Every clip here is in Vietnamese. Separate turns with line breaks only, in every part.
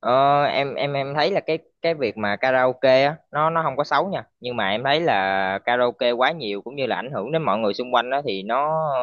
Em thấy là cái việc mà karaoke á nó không có xấu nha, nhưng mà em thấy là karaoke quá nhiều cũng như là ảnh hưởng đến mọi người xung quanh đó thì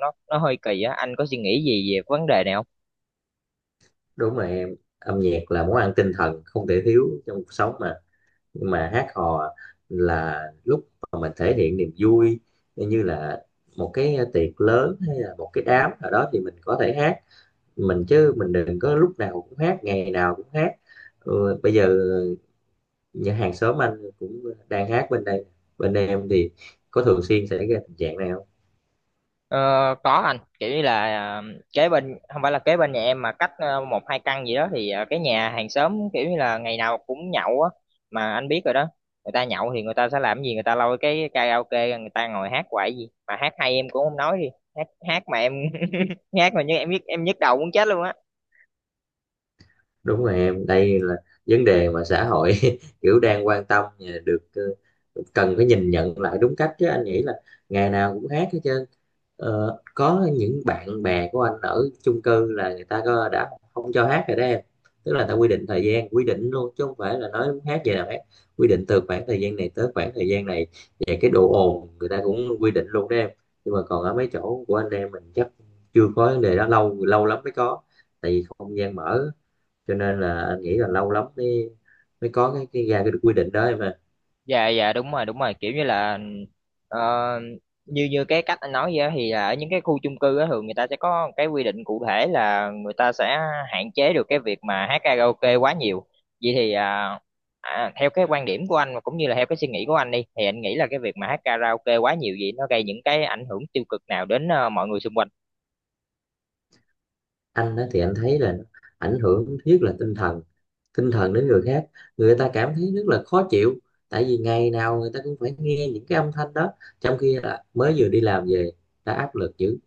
nó hơi kỳ á, anh có suy nghĩ gì về cái vấn đề này không?
Đúng rồi em, âm nhạc là món ăn tinh thần không thể thiếu trong cuộc sống mà. Nhưng mà hát hò là lúc mà mình thể hiện niềm vui, như là một cái tiệc lớn hay là một cái đám nào đó thì mình có thể hát mình, chứ mình đừng có lúc nào cũng hát, ngày nào cũng hát. Ừ, bây giờ nhà hàng xóm anh cũng đang hát bên đây. Bên đây em thì có thường xuyên xảy ra tình trạng này không?
Ờ, có anh, kiểu như là kế bên, không phải là kế bên nhà em mà cách một hai căn gì đó, thì cái nhà hàng xóm kiểu như là ngày nào cũng nhậu á. Mà anh biết rồi đó, người ta nhậu thì người ta sẽ làm gì, người ta lôi cái karaoke ra, người ta ngồi hát hoài. Gì mà hát hay em cũng không nói đi, hát hát mà em hát mà như em nhức, em nhức đầu muốn chết luôn á.
Đúng rồi em, đây là vấn đề mà xã hội kiểu đang quan tâm, được, cần phải nhìn nhận lại đúng cách chứ anh nghĩ là ngày nào cũng hát hết trơn. Có những bạn bè của anh ở chung cư là người ta có đã không cho hát rồi đó em. Tức là người ta quy định thời gian, quy định luôn chứ không phải là nói muốn hát gì nào hát, quy định từ khoảng thời gian này tới khoảng thời gian này, và cái độ ồn người ta cũng quy định luôn đó em. Nhưng mà còn ở mấy chỗ của anh em mình chắc chưa có vấn đề đó, lâu lâu lắm mới có. Tại vì không gian mở cho nên là anh nghĩ là lâu lắm mới mới có cái ra cái quy định đó mà.
Dạ dạ đúng rồi đúng rồi, kiểu như là ờ, như như cái cách anh nói vậy á, thì là ở những cái khu chung cư á, thường người ta sẽ có cái quy định cụ thể là người ta sẽ hạn chế được cái việc mà hát karaoke quá nhiều. Vậy thì theo cái quan điểm của anh và cũng như là theo cái suy nghĩ của anh đi, thì anh nghĩ là cái việc mà hát karaoke quá nhiều vậy nó gây những cái ảnh hưởng tiêu cực nào đến mọi người xung quanh?
Anh á thì anh thấy là nó ảnh hưởng thứ nhất là tinh thần, đến người khác, người ta cảm thấy rất là khó chịu. Tại vì ngày nào người ta cũng phải nghe những cái âm thanh đó, trong khi là mới vừa đi làm về đã áp lực dữ,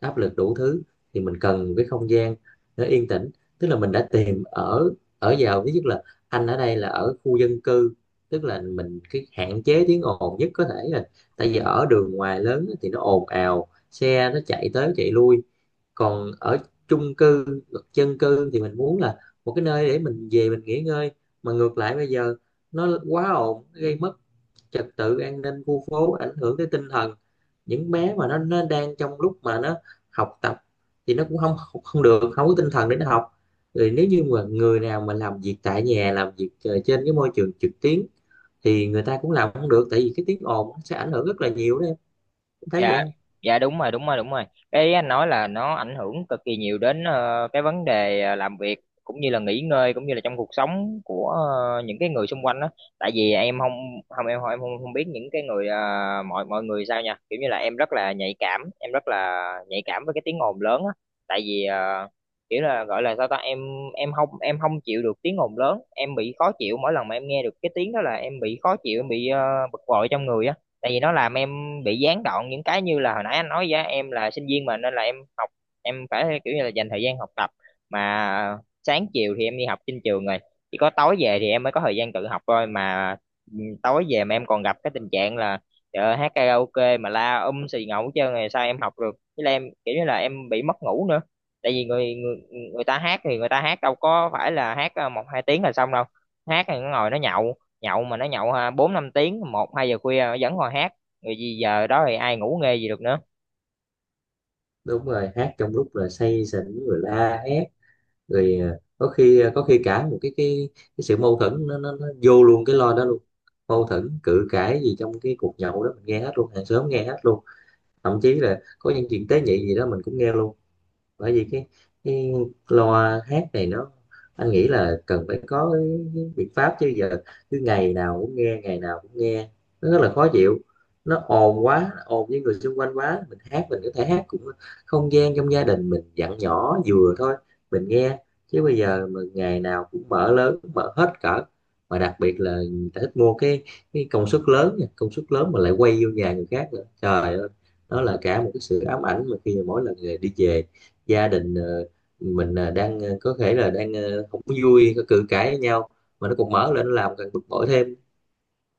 áp lực đủ thứ, thì mình cần cái không gian nó yên tĩnh. Tức là mình đã tìm ở ở vào thứ nhất là anh ở đây là ở khu dân cư, tức là mình cái hạn chế tiếng ồn nhất có thể rồi. Tại vì ở đường ngoài lớn á thì nó ồn ào, xe nó chạy tới chạy lui, còn ở chung cư, dân cư thì mình muốn là một cái nơi để mình về mình nghỉ ngơi. Mà ngược lại bây giờ nó quá ồn, nó gây mất trật tự an ninh khu phố, ảnh hưởng tới tinh thần những bé mà nó đang trong lúc mà nó học tập, thì nó cũng không không được, không có tinh thần để nó học. Rồi nếu như mà người nào mà làm việc tại nhà, làm việc trên cái môi trường trực tuyến thì người ta cũng làm không được, tại vì cái tiếng ồn nó sẽ ảnh hưởng rất là nhiều đó em. Em thấy vậy
dạ
không?
dạ đúng rồi đúng rồi đúng rồi, cái anh nói là nó ảnh hưởng cực kỳ nhiều đến cái vấn đề làm việc, cũng như là nghỉ ngơi, cũng như là trong cuộc sống của những cái người xung quanh đó. Tại vì em không không em không biết những cái người mọi mọi người sao nha, kiểu như là em rất là nhạy cảm, em rất là nhạy cảm với cái tiếng ồn lớn á. Tại vì kiểu là gọi là sao ta, em em không chịu được tiếng ồn lớn, em bị khó chịu. Mỗi lần mà em nghe được cái tiếng đó là em bị khó chịu, em bị bực bội trong người á. Tại vì nó làm em bị gián đoạn những cái, như là hồi nãy anh nói với em là sinh viên mà, nên là em học, em phải kiểu như là dành thời gian học tập. Mà sáng chiều thì em đi học trên trường rồi, chỉ có tối về thì em mới có thời gian tự học thôi. Mà tối về mà em còn gặp cái tình trạng là, trời ơi, hát karaoke mà la xì ngầu hết trơn rồi, sao em học được? Với là em kiểu như là em bị mất ngủ nữa. Tại vì người người người ta hát thì người ta hát đâu có phải là hát một hai tiếng là xong đâu. Hát thì nó ngồi nó nhậu, nhậu mà nó nhậu ha, bốn năm tiếng, một hai giờ khuya nó vẫn còn hát, rồi gì giờ đó thì ai ngủ nghe gì được nữa.
Đúng rồi, hát trong lúc là say sỉnh rồi la hét rồi, có khi cả một cái sự mâu thuẫn nó vô luôn cái lo đó luôn. Mâu thuẫn cự cãi gì trong cái cuộc nhậu đó mình nghe hết luôn, hàng xóm nghe hết luôn, thậm chí là có những chuyện tế nhị gì đó mình cũng nghe luôn. Bởi vì cái loa hát này nó, anh nghĩ là cần phải có cái biện pháp chứ giờ cứ ngày nào cũng nghe, ngày nào cũng nghe nó rất là khó chịu. Nó ồn, quá ồn với người xung quanh quá, mình hát mình có thể hát cũng không gian trong gia đình mình, dặn nhỏ vừa thôi mình nghe, chứ bây giờ mà ngày nào cũng mở lớn, mở hết cỡ. Mà đặc biệt là người ta thích mua cái công suất lớn nha, công suất lớn mà lại quay vô nhà người khác nữa, trời ơi. Đó là cả một cái sự ám ảnh, mà khi mà mỗi lần người đi về gia đình mình đang có thể là đang không có vui, có cự cãi với nhau mà nó còn mở lên nó làm càng bực bội thêm.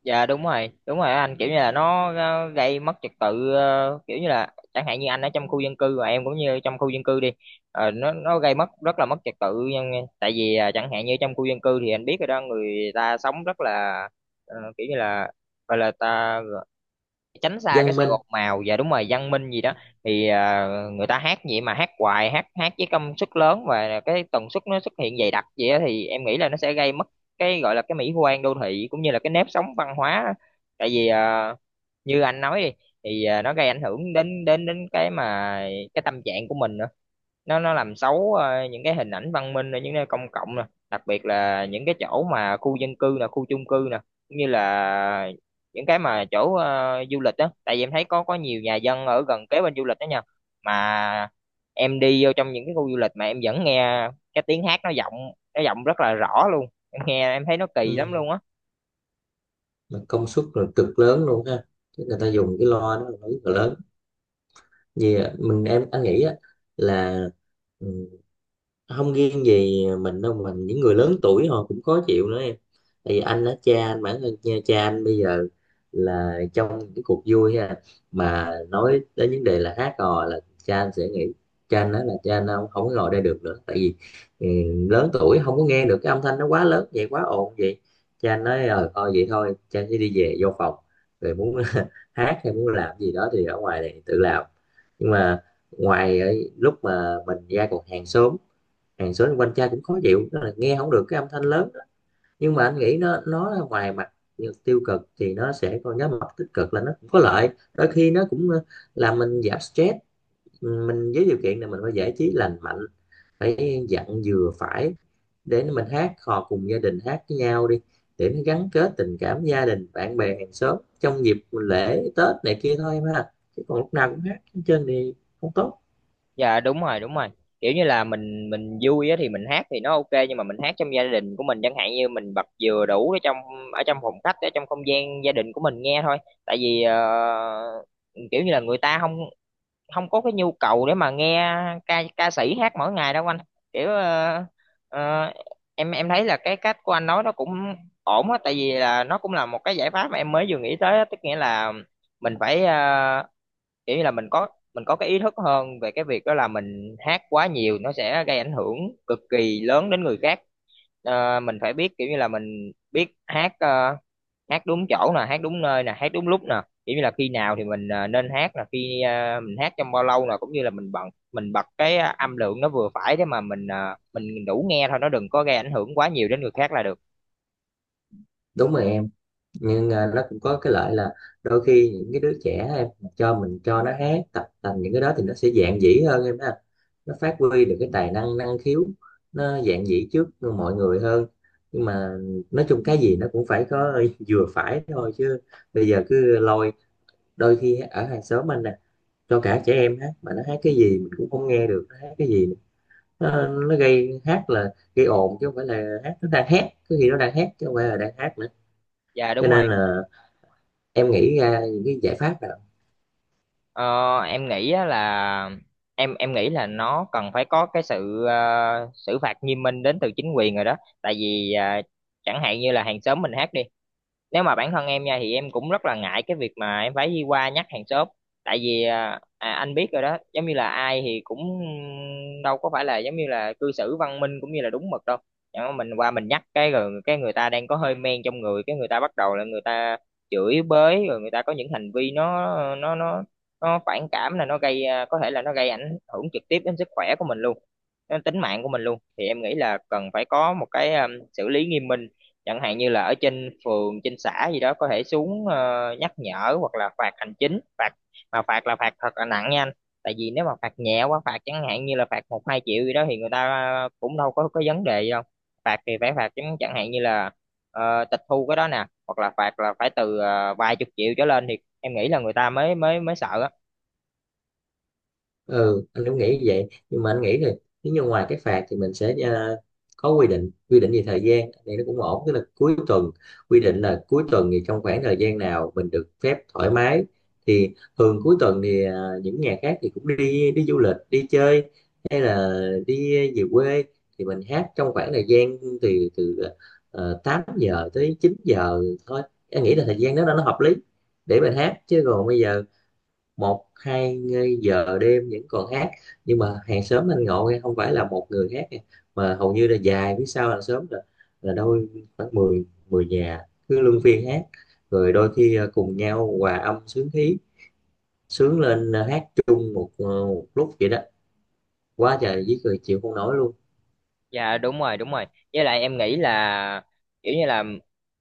Dạ đúng rồi anh, kiểu như là nó gây mất trật tự. Ờ, Kiểu như là chẳng hạn như anh ở trong khu dân cư và em cũng như trong khu dân cư đi, nó gây mất rất là mất trật tự nhưng- tại vì chẳng hạn như trong khu dân cư thì anh biết rồi đó, người ta sống rất là kiểu như là, gọi là ta tránh xa cái
Văn
sự
minh.
ồn ào và đúng rồi, văn minh gì
Ừ.
đó. Thì người ta hát vậy mà hát hoài, hát hát với công suất lớn và cái tần suất nó xuất hiện dày đặc vậy á, thì em nghĩ là nó sẽ gây mất cái gọi là cái mỹ quan đô thị, cũng như là cái nếp sống văn hóa. Tại vì như anh nói đi, thì nó gây ảnh hưởng đến đến đến cái mà cái tâm trạng của mình nữa. Nó làm xấu những cái hình ảnh văn minh ở những nơi công cộng nè, đặc biệt là những cái chỗ mà khu dân cư nè, khu chung cư nè, cũng như là những cái mà chỗ du lịch đó. Tại vì em thấy có nhiều nhà dân ở gần kế bên du lịch đó nha, mà em đi vô trong những cái khu du lịch mà em vẫn nghe cái tiếng hát nó vọng, nó vọng rất là rõ luôn. Em nghe em thấy nó kỳ lắm
Ừ.
luôn á.
Mà công suất là cực lớn luôn ha. Chứ người ta dùng cái loa đó là nó rất là lớn, vì mình em anh nghĩ á, là ừ, không riêng gì mình đâu, mình những người lớn tuổi họ cũng khó chịu nữa em. Tại vì anh á, cha anh, bản thân cha anh bây giờ là trong những cuộc vui ha, mà nói đến vấn đề là hát hò là cha anh sẽ nghĩ, cha anh nói là cha anh không không có ngồi đây được nữa. Tại vì ừ, lớn tuổi không có nghe được cái âm thanh nó quá lớn vậy, quá ồn vậy. Cha anh nói thôi vậy thôi cha sẽ đi về vô phòng, rồi muốn hát hay muốn làm gì đó thì ở ngoài này tự làm. Nhưng mà ngoài ấy, lúc mà mình ra còn hàng xóm, hàng xóm quanh cha cũng khó chịu đó, là nghe không được cái âm thanh lớn đó. Nhưng mà anh nghĩ nó ngoài mặt tiêu cực thì nó sẽ có nhóm mặt tích cực là nó cũng có lợi, đôi khi nó cũng làm mình giảm stress mình, với điều kiện là mình phải giải trí lành mạnh, phải dặn vừa phải, để mình hát hò cùng gia đình, hát với nhau đi, để nó gắn kết tình cảm gia đình, bạn bè, hàng xóm trong dịp lễ Tết này kia thôi em ha, chứ còn lúc nào cũng hát trên thì không tốt.
Dạ đúng rồi đúng rồi, kiểu như là mình vui á thì mình hát thì nó ok, nhưng mà mình hát trong gia đình của mình, chẳng hạn như mình bật vừa đủ ở trong, ở trong phòng khách, ở trong không gian gia đình của mình nghe thôi. Tại vì kiểu như là người ta không không có cái nhu cầu để mà nghe ca ca sĩ hát mỗi ngày đâu anh. kiểu ờ, ờ, em thấy là cái cách của anh nói nó cũng ổn á, tại vì là nó cũng là một cái giải pháp mà em mới vừa nghĩ tới á, tức nghĩa là mình phải kiểu như là mình có cái ý thức hơn về cái việc đó là mình hát quá nhiều nó sẽ gây ảnh hưởng cực kỳ lớn đến người khác. Mình phải biết kiểu như là mình biết hát, hát đúng chỗ nè, hát đúng nơi nè, hát đúng lúc nè, kiểu như là khi nào thì mình nên hát, là khi mình hát trong bao lâu nè, cũng như là mình bật cái âm lượng nó vừa phải, để mà mình mình đủ nghe thôi, nó đừng có gây ảnh hưởng quá nhiều đến người khác là được.
Đúng rồi em, nhưng nó cũng có cái lợi là đôi khi những cái đứa trẻ em, cho mình cho nó hát tập tành những cái đó thì nó sẽ dạn dĩ hơn em ha, nó phát huy được cái tài năng, năng khiếu, nó dạn dĩ trước mọi người hơn. Nhưng mà nói chung cái gì nó cũng phải có vừa phải thôi chứ, bây giờ cứ lôi, đôi khi ở hàng xóm anh nè, cho cả trẻ em hát mà nó hát cái gì mình cũng không nghe được nó hát cái gì, nó gây hát là gây ồn chứ không phải là hát, nó đang hát có khi nó đang hát chứ không phải là đang hát nữa.
Dạ
Cho
đúng rồi.
nên là em nghĩ ra những cái giải pháp nào?
Ờ, em nghĩ á là em nghĩ là nó cần phải có cái sự xử phạt nghiêm minh đến từ chính quyền rồi đó. Tại vì chẳng hạn như là hàng xóm mình hát đi, nếu mà bản thân em nha thì em cũng rất là ngại cái việc mà em phải đi qua nhắc hàng xóm. Tại vì anh biết rồi đó, giống như là ai thì cũng đâu có phải là giống như là cư xử văn minh cũng như là đúng mực đâu. Chẳng mà mình qua mình nhắc cái rồi cái người ta đang có hơi men trong người, cái người ta bắt đầu là người ta chửi bới, rồi người ta có những hành vi nó nó nó nó phản cảm, là nó gây có thể là nó gây ảnh hưởng trực tiếp đến sức khỏe của mình luôn, đến tính mạng của mình luôn. Thì em nghĩ là cần phải có một cái xử lý nghiêm minh, chẳng hạn như là ở trên phường trên xã gì đó có thể xuống nhắc nhở, hoặc là phạt hành chính. Phạt mà phạt là phạt thật là nặng nha anh. Tại vì nếu mà phạt nhẹ quá, phạt chẳng hạn như là phạt một hai triệu gì đó thì người ta cũng đâu có vấn đề gì đâu. Phạt thì phải phạt chẳng chẳng hạn như là tịch thu cái đó nè, hoặc là phạt là phải từ vài chục triệu trở lên, thì em nghĩ là người ta mới mới mới sợ á.
Ừ, anh cũng nghĩ như vậy, nhưng mà anh nghĩ thì nếu như ngoài cái phạt thì mình sẽ có quy định, quy định về thời gian này nó cũng ổn, tức là cuối tuần, quy định là cuối tuần thì trong khoảng thời gian nào mình được phép thoải mái. Thì thường cuối tuần thì những nhà khác thì cũng đi đi du lịch, đi chơi, hay là đi về quê, thì mình hát trong khoảng thời gian từ từ 8 giờ tới 9 giờ thôi, em nghĩ là thời gian đó nó hợp lý để mình hát. Chứ còn bây giờ một hai giờ đêm vẫn còn hát. Nhưng mà hàng xóm anh ngộ nghe, không phải là một người hát nghe, mà hầu như là dài phía sau hàng xóm là đôi khoảng 10 10 nhà cứ luân phiên hát. Rồi đôi khi cùng nhau hòa âm sướng khí, sướng lên, hát chung một lúc vậy đó, quá trời với cười chịu không nổi luôn.
Dạ đúng rồi đúng rồi, với lại em nghĩ là kiểu như là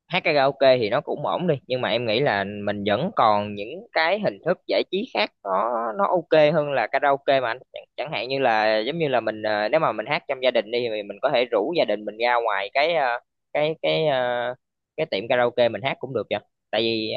hát karaoke thì nó cũng ổn đi, nhưng mà em nghĩ là mình vẫn còn những cái hình thức giải trí khác nó ok hơn là karaoke mà anh. Chẳng hạn như là giống như là mình nếu mà mình hát trong gia đình đi thì mình có thể rủ gia đình mình ra ngoài cái cái cái ờ, cái tiệm karaoke mình hát cũng được vậy. Tại vì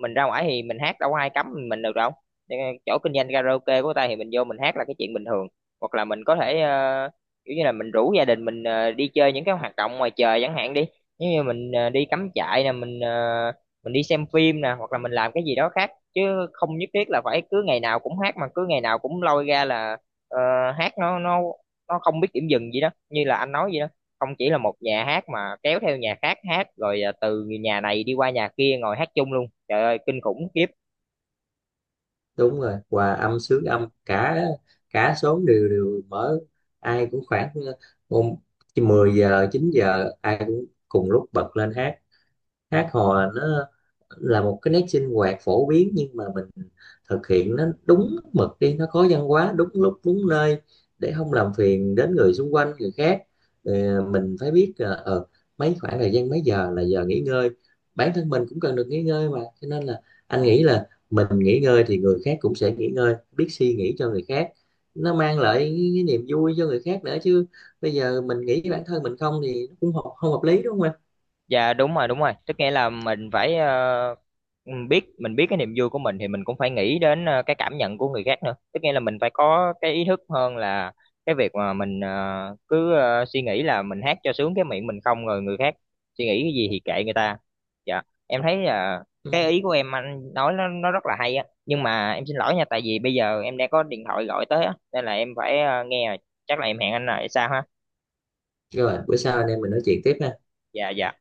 mình ra ngoài thì mình hát đâu có ai cấm mình được đâu. Cho nên chỗ kinh doanh karaoke của ta thì mình vô mình hát là cái chuyện bình thường. Hoặc là mình có thể kiểu như là mình rủ gia đình mình đi chơi những cái hoạt động ngoài trời chẳng hạn đi. Nếu như mình đi cắm trại nè, mình đi xem phim nè, hoặc là mình làm cái gì đó khác chứ không nhất thiết là phải cứ ngày nào cũng hát. Mà cứ ngày nào cũng lôi ra là ờ, hát, nó không biết điểm dừng gì đó như là anh nói vậy đó. Không chỉ là một nhà hát mà kéo theo nhà khác hát, rồi từ nhà này đi qua nhà kia ngồi hát chung luôn. Trời ơi, kinh khủng khiếp.
Đúng rồi, hòa âm sướng âm, cả cả xóm đều đều mở, ai cũng khoảng ờ, 10 giờ 9 giờ ai cũng cùng lúc bật lên hát. Hát hò là nó là một cái nét sinh hoạt phổ biến, nhưng mà mình thực hiện nó đúng mực đi, nó có văn hóa, đúng lúc đúng nơi để không làm phiền đến người xung quanh, người khác. Mình phải biết là mấy khoảng thời gian mấy giờ là giờ nghỉ ngơi. Bản thân mình cũng cần được nghỉ ngơi mà, cho nên là anh nghĩ là mình nghỉ ngơi thì người khác cũng sẽ nghỉ ngơi, biết suy nghĩ cho người khác, nó mang lại cái niềm vui cho người khác nữa chứ. Bây giờ mình nghĩ bản thân mình không thì nó cũng không hợp lý đúng không anh?
Dạ đúng rồi đúng rồi, tức nghĩa là mình phải mình biết cái niềm vui của mình thì mình cũng phải nghĩ đến cái cảm nhận của người khác nữa. Tức nghĩa là mình phải có cái ý thức hơn là cái việc mà mình suy nghĩ là mình hát cho sướng cái miệng mình không, rồi người khác suy nghĩ cái gì thì kệ người ta. Dạ em thấy là cái
Ừ.
ý của em anh nói nó rất là hay á, nhưng mà em xin lỗi nha, tại vì bây giờ em đang có điện thoại gọi tới á, nên là em phải nghe rồi. Chắc là em hẹn anh lại sao ha.
Rồi, bữa sau anh em mình nói chuyện tiếp ha.
Dạ dạ.